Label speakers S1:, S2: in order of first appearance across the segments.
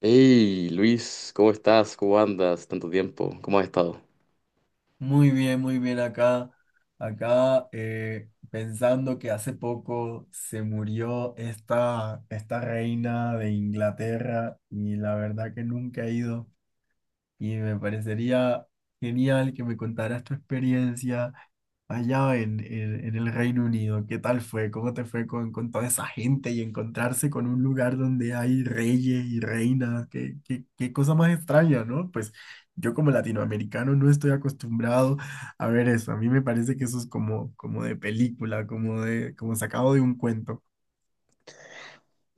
S1: Hey Luis, ¿cómo estás? ¿Cómo andas? Tanto tiempo, ¿cómo has estado?
S2: Muy bien acá. Acá pensando que hace poco se murió esta reina de Inglaterra y la verdad que nunca he ido y me parecería genial que me contaras tu experiencia allá en el Reino Unido. ¿Qué tal fue? ¿Cómo te fue con toda esa gente y encontrarse con un lugar donde hay reyes y reinas? ¿ Qué cosa más extraña, ¿no? Pues yo como latinoamericano no estoy acostumbrado a ver eso. A mí me parece que eso es como de película, como sacado de un cuento.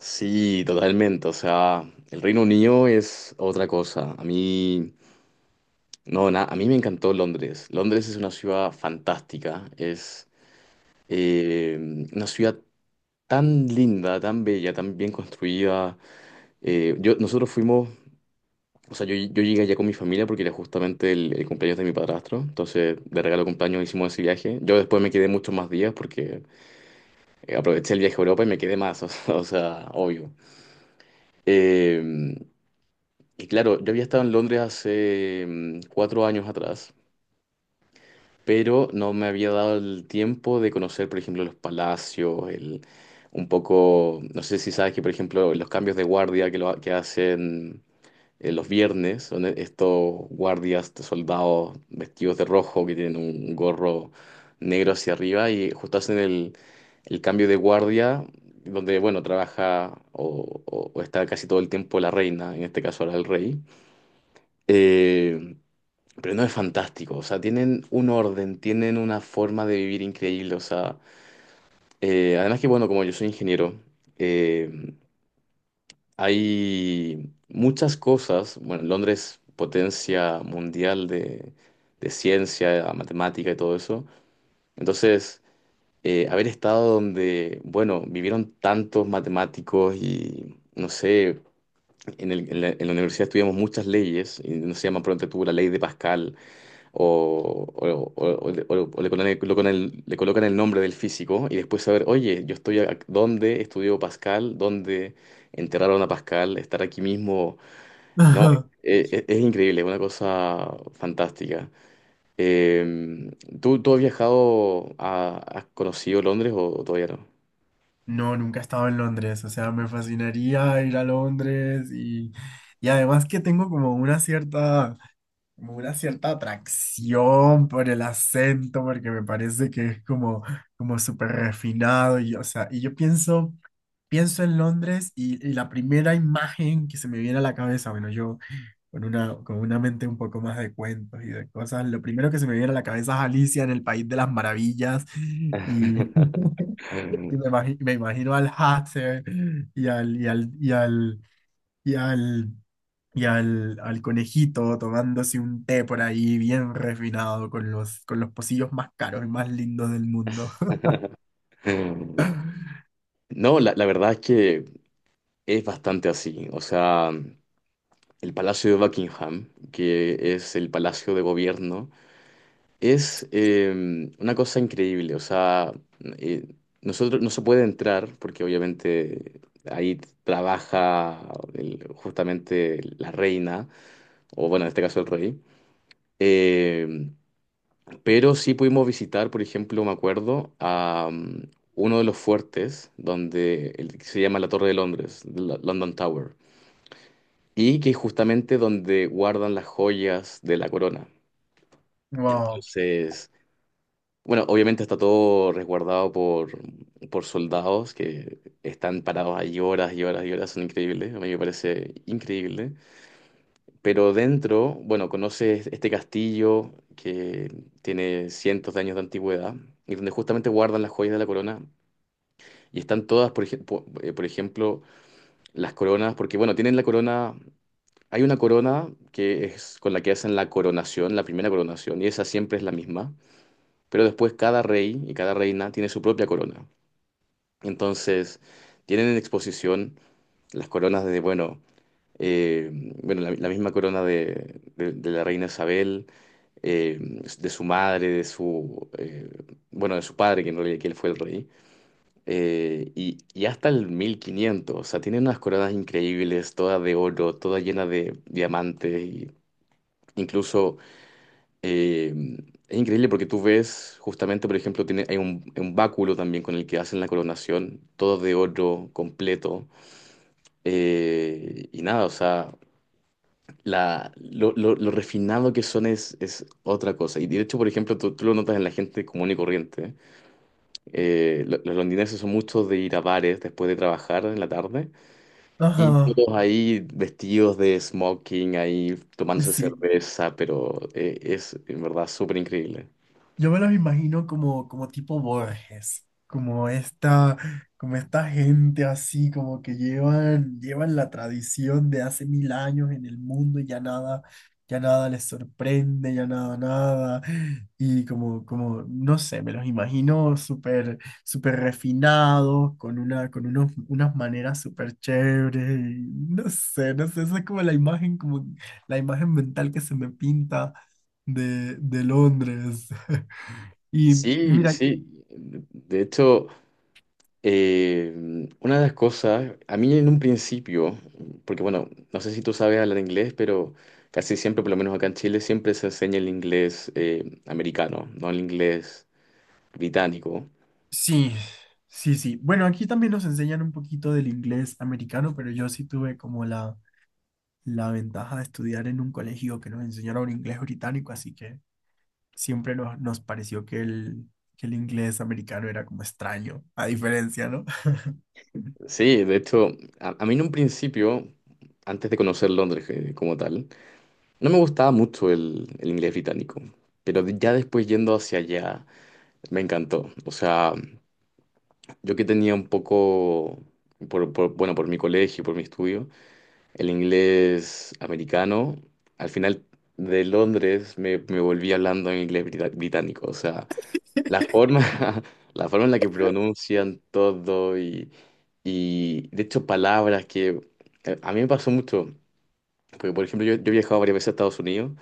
S1: Sí, totalmente. O sea, el Reino Unido es otra cosa. A mí, no, a mí me encantó Londres. Londres es una ciudad fantástica. Es eh, una ciudad tan linda, tan bella, tan bien construida. Nosotros fuimos, o sea, yo llegué allá con mi familia porque era justamente el cumpleaños de mi padrastro. Entonces, de regalo de cumpleaños hicimos ese viaje. Yo después me quedé muchos más días porque aproveché el viaje a Europa y me quedé más, o sea, obvio. Eh, y claro, yo había estado en Londres hace cuatro años atrás, pero no me había dado el tiempo de conocer, por ejemplo, los palacios, un poco, no sé si sabes que, por ejemplo, los cambios de guardia que hacen los viernes son estos guardias, estos soldados vestidos de rojo que tienen un gorro negro hacia arriba y justo hacen el cambio de guardia donde, bueno, trabaja o está casi todo el tiempo la reina, en este caso ahora el rey. Eh, pero no es fantástico, o sea, tienen un orden, tienen una forma de vivir increíble. O sea, además que, bueno, como yo soy ingeniero, eh, hay muchas cosas. Bueno, Londres, potencia mundial de ciencia, matemática y todo eso. Entonces, haber estado donde, bueno, vivieron tantos matemáticos y, no sé, en la universidad estudiamos muchas leyes, y no se llama pronto tú la ley de Pascal le colocan el nombre del físico y después saber, oye, yo estoy dónde estudió Pascal, dónde enterraron a Pascal, estar aquí mismo no,
S2: Ajá.
S1: es increíble, es una cosa fantástica. Eh, ¿tú has viajado, has conocido Londres o todavía no?
S2: No, nunca he estado en Londres, o sea, me fascinaría ir a Londres y además que tengo como una cierta, como una cierta atracción por el acento, porque me parece que es como, como súper refinado. Y, o sea, y yo pienso, pienso en Londres y la primera imagen que se me viene a la cabeza, bueno, yo con una mente un poco más de cuentos y de cosas, lo primero que se me viene a la cabeza es Alicia en el País de las Maravillas y, y me imagino al Hatter y al, y al, y al, y al y al, al conejito tomándose un té por ahí bien refinado con los pocillos más caros y más lindos del mundo.
S1: No, la verdad es que es bastante así. O sea, el Palacio de Buckingham, que es el palacio de gobierno, es una cosa increíble. O sea, eh, nosotros no se puede entrar porque obviamente ahí trabaja justamente la reina. O bueno, en este caso el rey. Eh, pero sí pudimos visitar, por ejemplo, me acuerdo, uno de los fuertes, donde el que se llama la Torre de Londres, London Tower, y que es justamente donde guardan las joyas de la corona.
S2: Wow.
S1: Entonces, bueno, obviamente está todo resguardado por soldados que están parados ahí horas y horas y horas, son increíbles, a mí me parece increíble. Pero dentro, bueno, conoces este castillo que tiene cientos de años de antigüedad y donde justamente guardan las joyas de la corona. Y están todas, por ejemplo, las coronas, porque bueno, tienen la corona, hay una corona que es con la que hacen la coronación, la primera coronación, y esa siempre es la misma. Pero después cada rey y cada reina tiene su propia corona. Entonces, tienen en exposición las coronas de, eh, bueno, la misma corona de la reina Isabel, de su madre, bueno, de su padre, que en realidad que él fue el rey, y hasta el mil quinientos, o sea, tiene unas coronas increíbles, todas de oro, todas llenas de diamantes, y incluso eh, es increíble porque tú ves, justamente, por ejemplo, hay un báculo también con el que hacen la coronación, todo de oro completo, y nada, o sea... Lo refinado que son es otra cosa. Y de hecho, por ejemplo, tú lo notas en la gente común y corriente. Los londinenses son muchos de ir a bares después de trabajar en la tarde. Y
S2: Ajá.
S1: todos ahí vestidos de smoking, ahí
S2: Y
S1: tomándose
S2: sí,
S1: cerveza, pero es en verdad súper increíble.
S2: yo me los imagino como, como tipo Borges, como esta gente así, como que llevan, llevan la tradición de hace 1000 años en el mundo y ya nada les sorprende, ya nada, nada. Y como, como, no sé, me los imagino súper, súper refinados, con una, con unos, unas maneras súper chéveres. Y no sé, no sé, esa es como la imagen mental que se me pinta de Londres. Y y
S1: Sí,
S2: mira,
S1: sí. De hecho, Eh, una de las cosas, a mí en un principio, porque bueno, no sé si tú sabes hablar inglés, pero casi siempre, por lo menos acá en Chile, siempre se enseña el inglés americano, no el inglés británico.
S2: sí, sí, sí. Bueno, aquí también nos enseñan un poquito del inglés americano, pero yo sí tuve como la ventaja de estudiar en un colegio que nos enseñara un inglés británico, así que siempre nos, nos pareció que el inglés americano era como extraño, a diferencia, ¿no?
S1: Sí, de hecho, a mí en un principio, antes de conocer Londres como tal, no me gustaba mucho el inglés británico, pero ya después yendo hacia allá, me encantó. O sea, yo que tenía un poco, por, bueno, por mi colegio, por mi estudio. El inglés americano, al final de Londres me volví hablando en inglés británico. O sea, la forma, la forma en la que pronuncian todo y, de hecho palabras que a mí me pasó mucho. Porque, por ejemplo, yo he viajado varias veces a Estados Unidos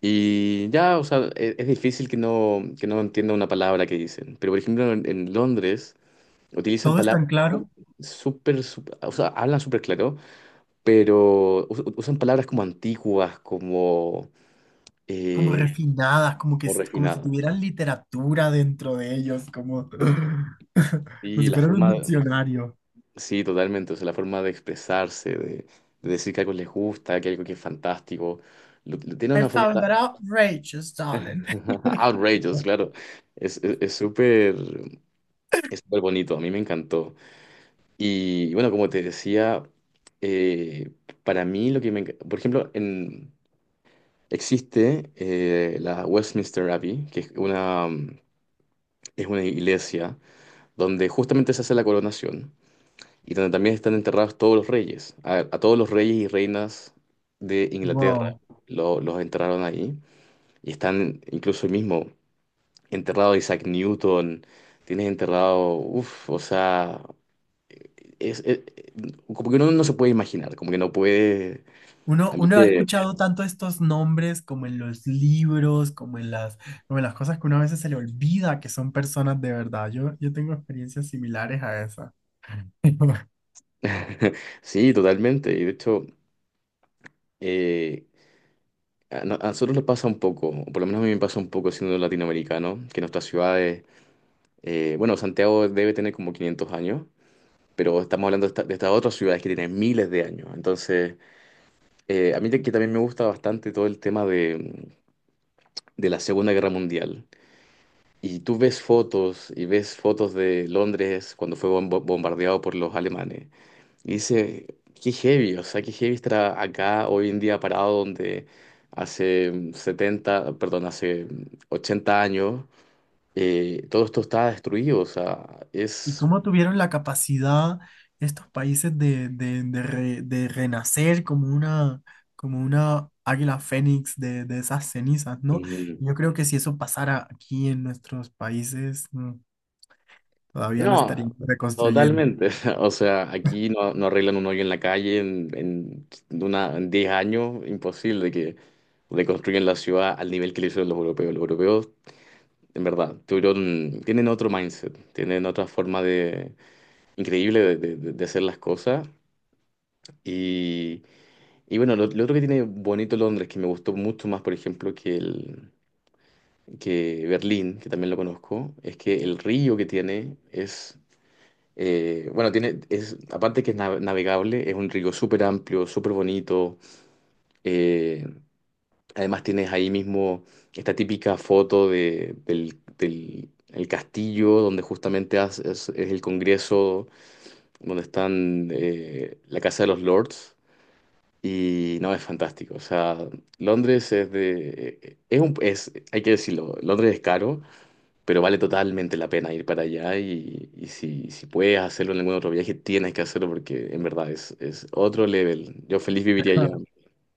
S1: y ya, o sea, es difícil que no entienda una palabra que dicen. Pero, por ejemplo, en Londres utilizan
S2: Todo es tan
S1: palabras
S2: claro,
S1: súper, súper, o sea, hablan súper claro pero usan palabras como antiguas,
S2: como
S1: eh,
S2: refinadas, como que
S1: como
S2: como si
S1: refinadas.
S2: tuvieran literatura dentro de ellos, como, como
S1: Y
S2: si
S1: la
S2: fueran un
S1: forma,
S2: diccionario.
S1: sí, totalmente, o sea, la forma de expresarse, de decir que algo les gusta, que algo que es fantástico, lo tiene
S2: I
S1: una forma
S2: found that outrageous, darling.
S1: outrageous, claro. Es, es, es súper, es súper bonito, a mí me encantó. Y bueno, como te decía, eh, para mí lo que me... Por ejemplo, en... Existe la Westminster Abbey, que es una, es una iglesia donde justamente se hace la coronación y donde también están enterrados todos los reyes. A todos los reyes y reinas de Inglaterra
S2: Wow.
S1: los enterraron ahí y están incluso el mismo enterrado Isaac Newton, tienes enterrado, uff, o sea, es, es- como que uno no se puede imaginar, como que no puede...
S2: Uno,
S1: A mí
S2: uno ha
S1: que...
S2: escuchado tanto estos nombres como en los libros, como en las cosas que uno a veces se le olvida que son personas de verdad. Yo tengo experiencias similares a esa.
S1: Sí, totalmente. Y de hecho, eh, a, no- a nosotros nos pasa un poco, o por lo menos a mí me pasa un poco siendo latinoamericano, que nuestras ciudades... Bueno, Santiago debe tener como 500 años, pero estamos hablando de, de estas otras ciudades que tienen miles de años. Entonces, a mí que también me gusta bastante todo el tema de la Segunda Guerra Mundial. Y tú ves fotos y ves fotos de Londres cuando fue bombardeado por los alemanes. Y dices, qué heavy, o sea, qué heavy estar acá hoy en día parado donde hace 70, perdón, hace 80 años, todo esto está destruido. O sea,
S2: ¿Y
S1: es...
S2: cómo tuvieron la capacidad estos países de de renacer como una águila fénix de esas cenizas, ¿no? Yo creo que si eso pasara aquí en nuestros países, mm, todavía lo
S1: No,
S2: estarían reconstruyendo.
S1: totalmente. O sea, aquí no, no arreglan un hoyo en la calle en 10 años. Imposible que reconstruyan la ciudad al nivel que lo hicieron los europeos. Los europeos, en verdad, tuvieron, tienen otro mindset, tienen otra forma de, increíble de hacer las cosas. Y, y bueno, lo otro que tiene bonito Londres, que me gustó mucho más, por ejemplo, que Berlín, que también lo conozco, es que el río que tiene es... Bueno, aparte que es navegable, es un río súper amplio, súper bonito. Eh, Además tienes ahí mismo esta típica foto de, del, del- el castillo, donde justamente es el Congreso, donde están la Casa de los Lords. Y no, es fantástico. O sea, Londres es... hay que decirlo, Londres es caro, pero vale totalmente la pena ir para allá y, si puedes hacerlo en algún otro viaje, tienes que hacerlo porque en verdad es otro level. Yo feliz viviría allá.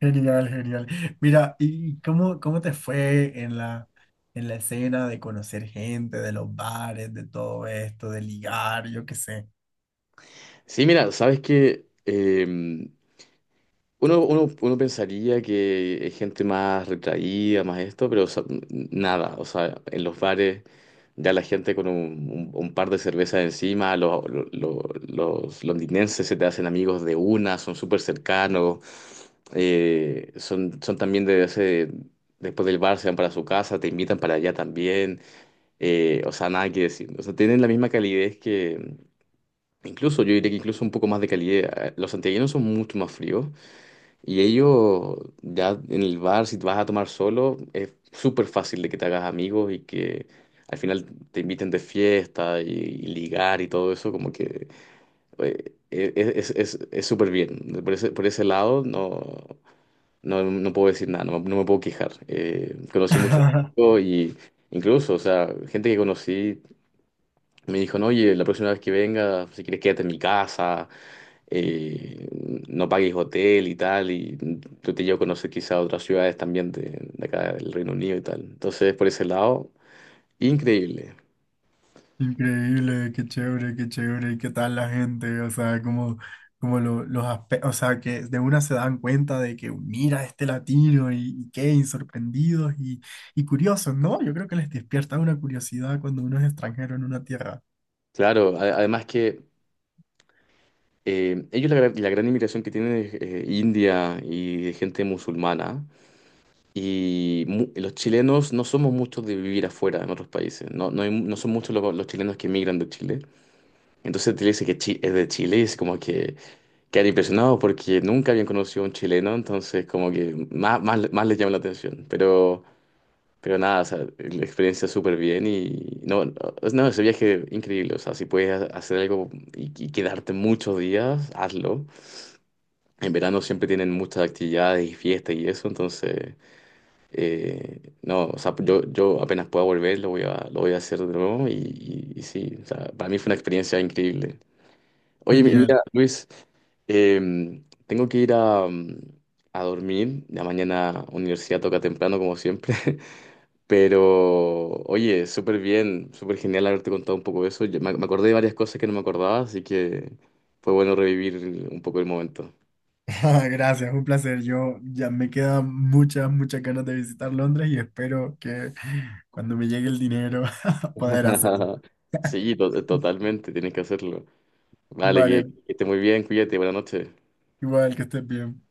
S2: Genial, genial. Mira, ¿y cómo, cómo te fue en la escena de conocer gente, de los bares, de todo esto, de ligar, yo qué sé?
S1: Sí, mira, sabes que uno pensaría que es gente más retraída, más esto, pero o sea, nada. O sea, en los bares ya la gente con un par de cervezas encima, los, los londinenses se te hacen amigos de una, son súper cercanos, son también de ese, después del bar se van para su casa, te invitan para allá también. O sea, nada que decir. O sea, tienen la misma calidez que, incluso yo diría que incluso un poco más de calidez. Los santiaguinos son mucho más fríos. Y ellos, ya en el bar, si vas a tomar solo, es súper fácil de que te hagas amigos y que al final te inviten de fiesta y, ligar y todo eso, como que es súper bien. Por ese lado, no, no, no puedo decir nada, no me puedo quejar. Conocí mucho y incluso, o sea, gente que conocí. Me dijo, no, oye, la próxima vez que venga, si quieres quédate en mi casa, eh, no pagues hotel y tal, y yo te llevo a conocer quizá otras ciudades también de acá del Reino Unido y tal. Entonces, por ese lado, increíble.
S2: Increíble, qué chévere, ¿y qué tal la gente? O sea, como, como los aspectos, o sea, que de una se dan cuenta de que mira este latino y qué, y sorprendidos y curiosos, ¿no? Yo creo que les despierta una curiosidad cuando uno es extranjero en una tierra.
S1: Claro, además que ellos la gran inmigración que tienen es India y de gente musulmana, y los chilenos no somos muchos de vivir afuera en otros países, no, no son muchos los chilenos que emigran de Chile. Entonces te dice que es de Chile y es como que... Quedé impresionado porque nunca habían conocido a un chileno, entonces como que más, más les llama la atención. Pero, nada, o sea, la experiencia súper bien y no, no, no, ese viaje increíble. O sea, si puedes hacer algo y, quedarte muchos días, hazlo. En verano siempre tienen muchas actividades y fiestas y eso, entonces no, o sea, yo, apenas pueda volver lo voy a hacer de nuevo y, y sí, o sea, para mí fue una experiencia increíble. Oye,
S2: Genial.
S1: mira, Luis, tengo que ir a dormir. La mañana universidad toca temprano, como siempre. Pero, oye, súper bien, súper genial haberte contado un poco de eso. Yo me acordé de varias cosas que no me acordaba, así que fue bueno revivir un poco el momento.
S2: Gracias, un placer. Yo ya me quedan muchas, muchas ganas de visitar Londres y espero que cuando me llegue el dinero poder hacerlo.
S1: Sí, totalmente, tienes que hacerlo. Vale, que,
S2: Vale,
S1: que esté muy bien, cuídate, buenas noches.
S2: igual que estés bien.